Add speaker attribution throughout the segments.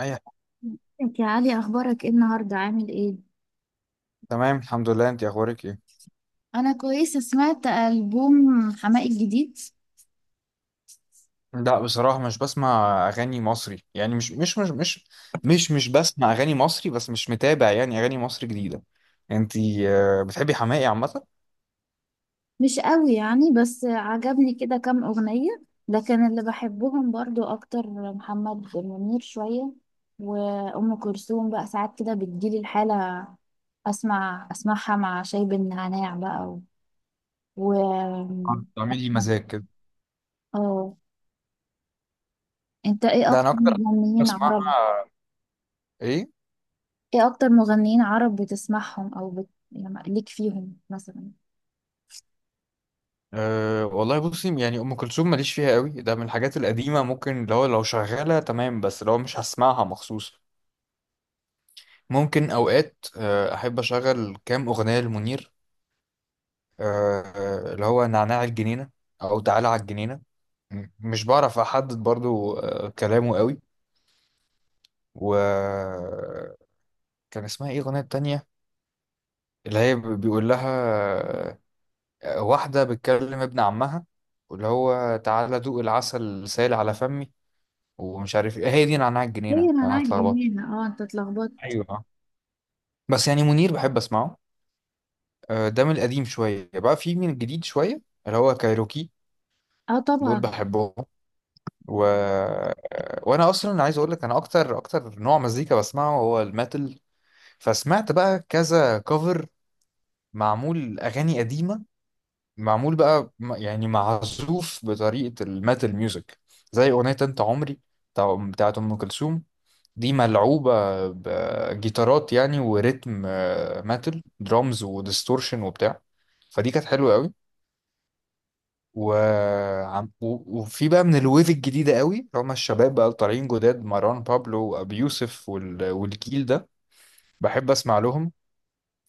Speaker 1: اي.
Speaker 2: ازيك يا علي؟ اخبارك ايه النهارده؟ عامل ايه؟
Speaker 1: تمام الحمد لله، انت اخبارك ايه؟
Speaker 2: انا كويسه. سمعت البوم حماقي الجديد.
Speaker 1: لا بصراحه مش بسمع اغاني مصري، يعني مش بسمع اغاني مصري، بس مش متابع يعني اغاني مصري جديده. انت؟ بتحبي حماقي عامه؟
Speaker 2: مش قوي يعني، بس عجبني كده كام اغنيه، لكن اللي بحبهم برضو اكتر محمد منير شويه، وام كلثوم بقى ساعات كده بتجيلي الحاله اسمعها مع شاي بالنعناع بقى و, و...
Speaker 1: بتعملي مزاج كده؟
Speaker 2: اه انت ايه
Speaker 1: ده
Speaker 2: اكتر
Speaker 1: انا اكتر
Speaker 2: مغنيين عرب؟
Speaker 1: بسمعها. ايه؟
Speaker 2: ايه اكتر مغنيين عرب بتسمعهم او يعني ليك فيهم مثلا؟
Speaker 1: أه والله بصي، يعني ام كلثوم ماليش فيها قوي، ده من الحاجات القديمه، ممكن اللي هو لو شغاله تمام، بس لو مش، هسمعها مخصوص. ممكن اوقات احب اشغل كام اغنيه لمنير، اللي هو نعناع الجنينة أو تعالى على الجنينة. مش بعرف أحدد برضو، كلامه قوي. وكان اسمها إيه الأغنية التانية اللي هي بيقول لها، واحدة بتكلم ابن عمها، واللي هو تعالى دوق العسل سائل على فمي. ومش عارف إيه هي دي نعناع
Speaker 2: هي
Speaker 1: الجنينة، أنا
Speaker 2: مناعة
Speaker 1: هتلخبط.
Speaker 2: جنين. اه انت اتلخبطت.
Speaker 1: أيوة آه. بس يعني منير بحب أسمعه، ده من القديم شوية، بقى في من الجديد شوية اللي هو كايروكي،
Speaker 2: اه
Speaker 1: دول
Speaker 2: طبعا.
Speaker 1: بحبهم. و... وانا اصلا عايز اقول لك، انا اكتر اكتر نوع مزيكا بسمعه هو الميتال. فسمعت بقى كذا كفر، معمول اغاني قديمه، معمول بقى يعني معزوف بطريقه الميتال ميوزك، زي اغنيه انت عمري بتاعت ام كلثوم. دي ملعوبه بجيتارات يعني وريتم ميتال درامز وديستورشن وبتاع، فدي كانت حلوه قوي. وفي بقى من الويف الجديدة قوي اللي هما الشباب بقى اللي طالعين جداد، مروان بابلو وأبي يوسف والجيل ده بحب أسمع لهم.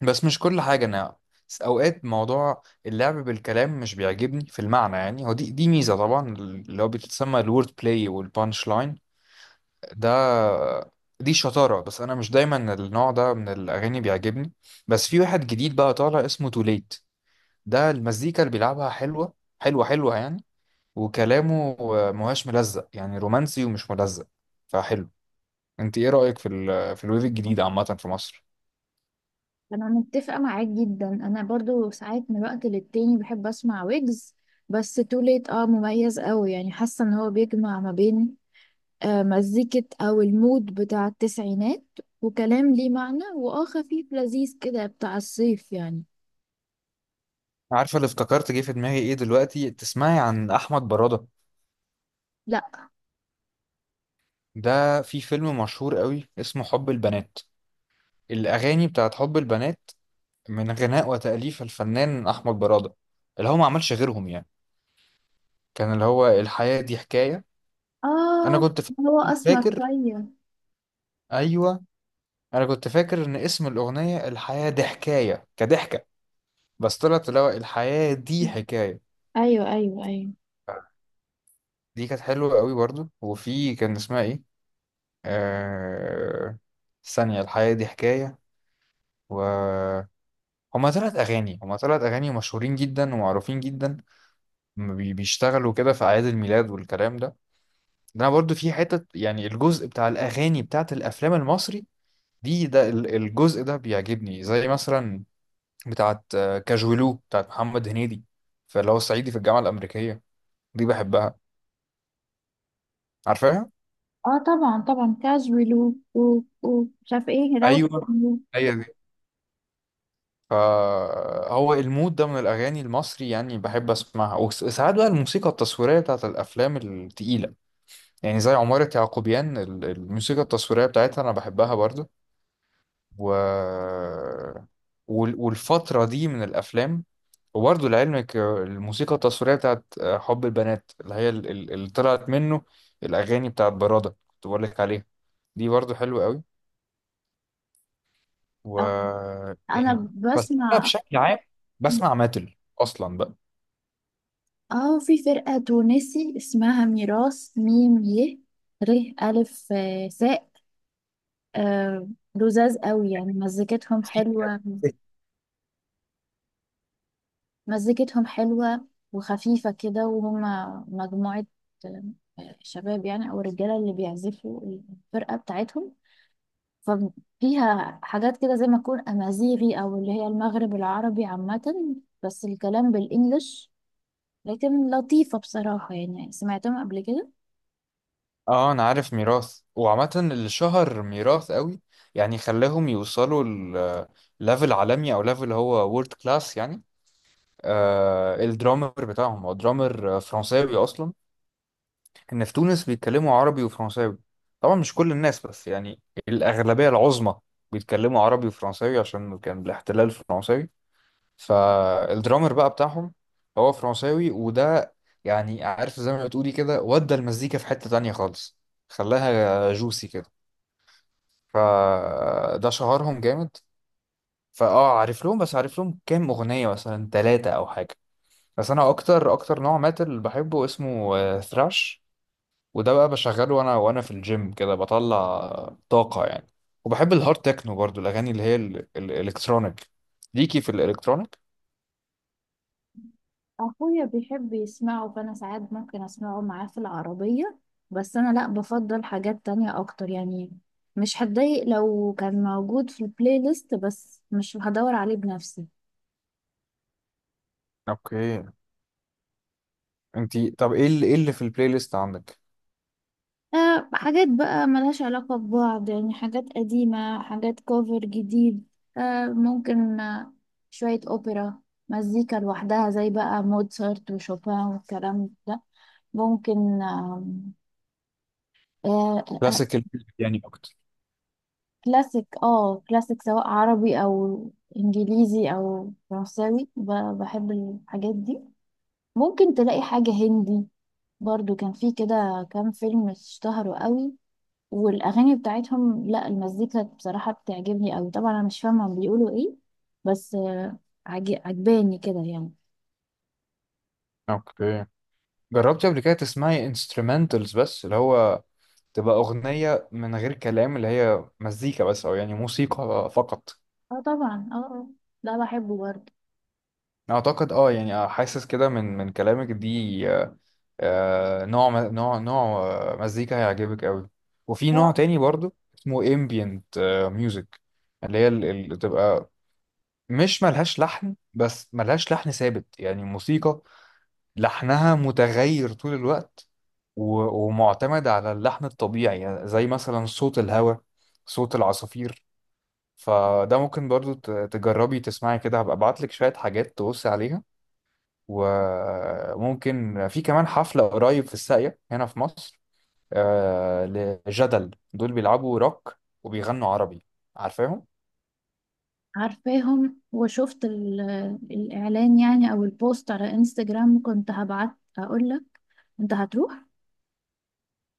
Speaker 1: بس مش كل حاجة أنا، أوقات موضوع اللعب بالكلام مش بيعجبني في المعنى، يعني هو دي ميزة طبعا اللي هو بتسمى الورد بلاي والبانش لاين، ده دي شطارة، بس أنا مش دايما النوع ده من الأغاني بيعجبني. بس في واحد جديد بقى طالع اسمه توليت، ده المزيكا اللي بيلعبها حلوة، حلوة حلوة يعني، وكلامه مهاش ملزق، يعني رومانسي ومش ملزق فحلو. انت ايه رأيك في في الويف الجديد عامة في مصر؟
Speaker 2: انا متفقة معاك جدا، انا برضو ساعات من وقت للتاني بحب اسمع ويجز، بس توليت اه مميز قوي يعني. حاسة ان هو بيجمع ما بين مزيكة او المود بتاع التسعينات، وكلام ليه معنى واه خفيف لذيذ كده بتاع الصيف يعني.
Speaker 1: عارفة اللي افتكرت جه في دماغي ايه دلوقتي؟ تسمعي عن احمد برادة؟
Speaker 2: لا.
Speaker 1: ده في فيلم مشهور قوي اسمه حب البنات، الاغاني بتاعت حب البنات، من غناء وتأليف الفنان احمد برادة، اللي هو ما عملش غيرهم يعني. كان اللي هو الحياة دي حكاية. انا
Speaker 2: اه
Speaker 1: كنت
Speaker 2: هو اسمر
Speaker 1: فاكر.
Speaker 2: شوية.
Speaker 1: ايوه، انا كنت فاكر ان اسم الاغنية الحياة دي حكاية كضحكة، بس طلعت اللي هو الحياة دي حكاية.
Speaker 2: ايوه ايوه ايوه.
Speaker 1: دي كانت حلوة قوي برضو، وفي كان اسمها ايه، آه... ثانية الحياة دي حكاية. و هما تلات أغاني، هما تلات أغاني مشهورين جدا ومعروفين جدا، هما بيشتغلوا كده في أعياد الميلاد والكلام ده. ده أنا برضو في حتة يعني الجزء بتاع الأغاني بتاعت الأفلام المصري دي، ده الجزء ده بيعجبني، زي مثلا بتاعت كاجولو بتاعت محمد هنيدي، فاللي هو صعيدي في الجامعة الأمريكية، دي بحبها. عارفاها؟
Speaker 2: اه طبعا طبعا، كاجوال و ومش عارفة ايه راوت.
Speaker 1: ايوه، هي دي. فهو المود ده من الاغاني المصري يعني بحب اسمعها، وساعات بقى الموسيقى التصويريه بتاعت الافلام التقيله، يعني زي عمارة يعقوبيان، الموسيقى التصويريه بتاعتها انا بحبها برضو. و... والفتره دي من الافلام. وبرضو لعلمك الموسيقى التصويريه بتاعت حب البنات اللي هي اللي طلعت منه الاغاني بتاعت برادة كنت بقول لك عليها، دي برضو حلوه قوي. و
Speaker 2: انا
Speaker 1: تاني، بس انا
Speaker 2: بسمع.
Speaker 1: بشكل عام
Speaker 2: أكتر-
Speaker 1: بسمع ماتل اصلا بقى.
Speaker 2: اه، في فرقة تونسي اسمها ميراث، ميم ي ر ألف ساء، آه، لذاذ قوي يعني، مزيكتهم
Speaker 1: سي-
Speaker 2: حلوة. مزيكتهم حلوة وخفيفة كده، وهم مجموعة آه، شباب يعني أو رجالة اللي بيعزفوا الفرقة بتاعتهم. ففيها حاجات كده زي ما تكون أمازيغي أو اللي هي المغرب العربي عامة، بس الكلام بالإنجلش. لكن لطيفة بصراحة يعني، سمعتهم قبل كده.
Speaker 1: اه انا عارف ميراث، وعامة اللي شهر ميراث قوي يعني خلاهم يوصلوا ليفل عالمي، او ليفل هو وورد كلاس يعني، الدرامر بتاعهم هو درامر فرنساوي اصلا. ان في تونس بيتكلموا عربي وفرنساوي، طبعا مش كل الناس بس يعني الاغلبية العظمى بيتكلموا عربي وفرنساوي عشان كان الاحتلال فرنساوي. فالدرامر بقى بتاعهم هو فرنساوي، وده يعني عارف زي ما بتقولي كده، ودى المزيكا في حتة تانية خالص، خلاها جوسي كده، فده شهرهم جامد. فاه عارف لهم، بس عارف لهم كام أغنية مثلا ثلاثة أو حاجة. بس أنا أكتر أكتر نوع ماتل بحبه اسمه ثراش، وده بقى بشغله وأنا في الجيم كده، بطلع طاقة يعني. وبحب الهارد تكنو برضو، الأغاني اللي هي الإلكترونيك. ليكي في الإلكترونيك؟
Speaker 2: اخويا بيحب يسمعه فانا ساعات ممكن اسمعه معاه في العربية، بس انا لا، بفضل حاجات تانية اكتر يعني. مش هتضايق لو كان موجود في البلاي ليست، بس مش هدور عليه بنفسي.
Speaker 1: اوكي. انت طب ايه اللي، ايه اللي في البلاي ليست عندك؟
Speaker 2: أه حاجات بقى ملهاش علاقة ببعض يعني، حاجات قديمة، حاجات كوفر جديد. أه، ممكن شوية أوبرا، مزيكا لوحدها زي بقى موتسارت وشوبان والكلام ده. ممكن آم، آه،
Speaker 1: كلاسيكال يعني اكتر؟
Speaker 2: كلاسيك. اه كلاسيك، سواء عربي او انجليزي او فرنساوي، بحب الحاجات دي. ممكن تلاقي حاجة هندي برضو، كان في كده كام فيلم اشتهروا قوي والاغاني بتاعتهم، لا المزيكا بصراحة بتعجبني قوي. طبعا انا مش فاهمة هم بيقولوا ايه، بس عجباني كده يعني.
Speaker 1: اوكي. جربتي قبل كده تسمعي انسترومنتالز، بس اللي هو تبقى اغنيه من غير كلام، اللي هي مزيكا بس او يعني موسيقى فقط؟
Speaker 2: اه طبعا اه، ده بحبه برضو.
Speaker 1: اعتقد اه يعني، حاسس كده من كلامك دي، نوع نوع مزيكا هيعجبك قوي. وفي نوع
Speaker 2: اه
Speaker 1: تاني برضو اسمه ambient music، اللي هي اللي تبقى مش ملهاش لحن، بس ملهاش لحن ثابت، يعني موسيقى لحمها متغير طول الوقت، ومعتمد على اللحن الطبيعي، يعني زي مثلا صوت الهواء، صوت العصافير. فده ممكن برضو تجربي تسمعي كده، هبقى ابعتلك شوية حاجات تبصي عليها. وممكن في كمان حفلة قريب في الساقية هنا في مصر، آه، لجدل، دول بيلعبوا روك وبيغنوا عربي. عارفاهم؟
Speaker 2: عارفاهم، وشفت الإعلان يعني أو البوست على انستجرام، كنت هبعت أقولك. أنت هتروح؟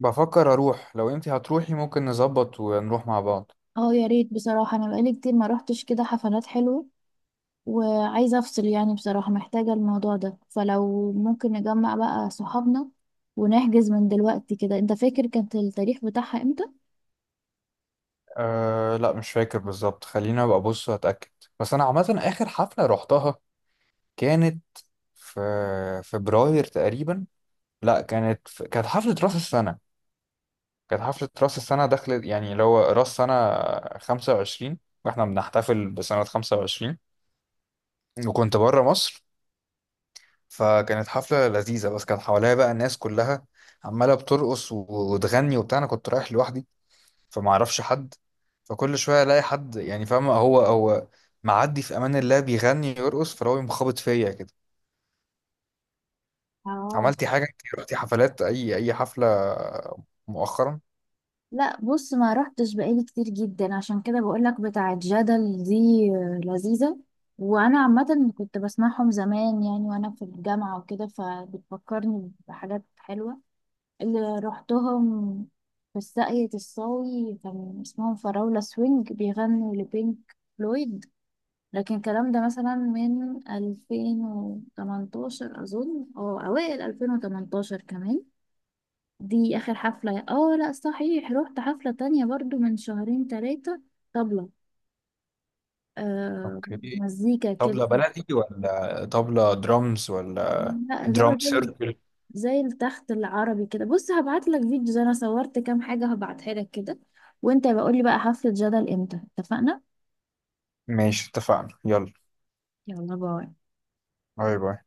Speaker 1: بفكر اروح، لو انتي هتروحي ممكن نظبط ونروح مع بعض.
Speaker 2: اه يا ريت بصراحة، أنا بقالي كتير ما روحتش كده حفلات حلوة، وعايزة أفصل يعني بصراحة، محتاجة الموضوع ده. فلو ممكن نجمع بقى صحابنا ونحجز من دلوقتي كده. أنت فاكر كانت التاريخ بتاعها إمتى؟
Speaker 1: أه لا مش فاكر بالظبط، خلينا ابقى ابص واتاكد. بس انا عامه اخر حفله روحتها كانت في فبراير تقريبا. لا، كانت حفله راس السنه، كانت حفله راس السنه، دخلت يعني اللي هو راس سنه 25، واحنا بنحتفل بسنه 25 وكنت بره مصر. فكانت حفله لذيذه، بس كان حواليا بقى الناس كلها عماله بترقص وتغني وبتاع، انا كنت رايح لوحدي فما اعرفش حد، فكل شويه الاقي حد يعني فاهم هو معدي في امان الله، بيغني يرقص فلو يقوم خابط فيا كده.
Speaker 2: اه
Speaker 1: عملتي حاجه انت، رحتي حفلات، اي حفله مؤخرا؟
Speaker 2: لا. بص، ما رحتش بقالي كتير جدا، عشان كده بقولك بتاعة جدل دي لذيذة، وانا عامة كنت بسمعهم زمان يعني وانا في الجامعة وكده، فبتفكرني بحاجات حلوة. اللي رحتهم في الساقية الصاوي كان اسمهم فراولة سوينج، بيغنوا لبينك فلويد، لكن الكلام ده مثلا من 2018 أظن، أو أوائل 2018 كمان. دي اخر حفلة. اه لا صحيح، رحت حفلة تانية برضو من شهرين تلاتة، طبلة آه
Speaker 1: اوكي.
Speaker 2: مزيكا كده.
Speaker 1: طبلة بلدي ولا طبلة درامز ولا
Speaker 2: لا، اللي هو
Speaker 1: درام
Speaker 2: زي
Speaker 1: سيركل؟
Speaker 2: زي التخت العربي كده. بص هبعت لك فيديو، زي انا صورت كام حاجة هبعتها لك كده. وانت بقول لي بقى حفلة جدل امتى اتفقنا.
Speaker 1: ماشي اتفقنا، يلا،
Speaker 2: يلا باي.
Speaker 1: باي باي.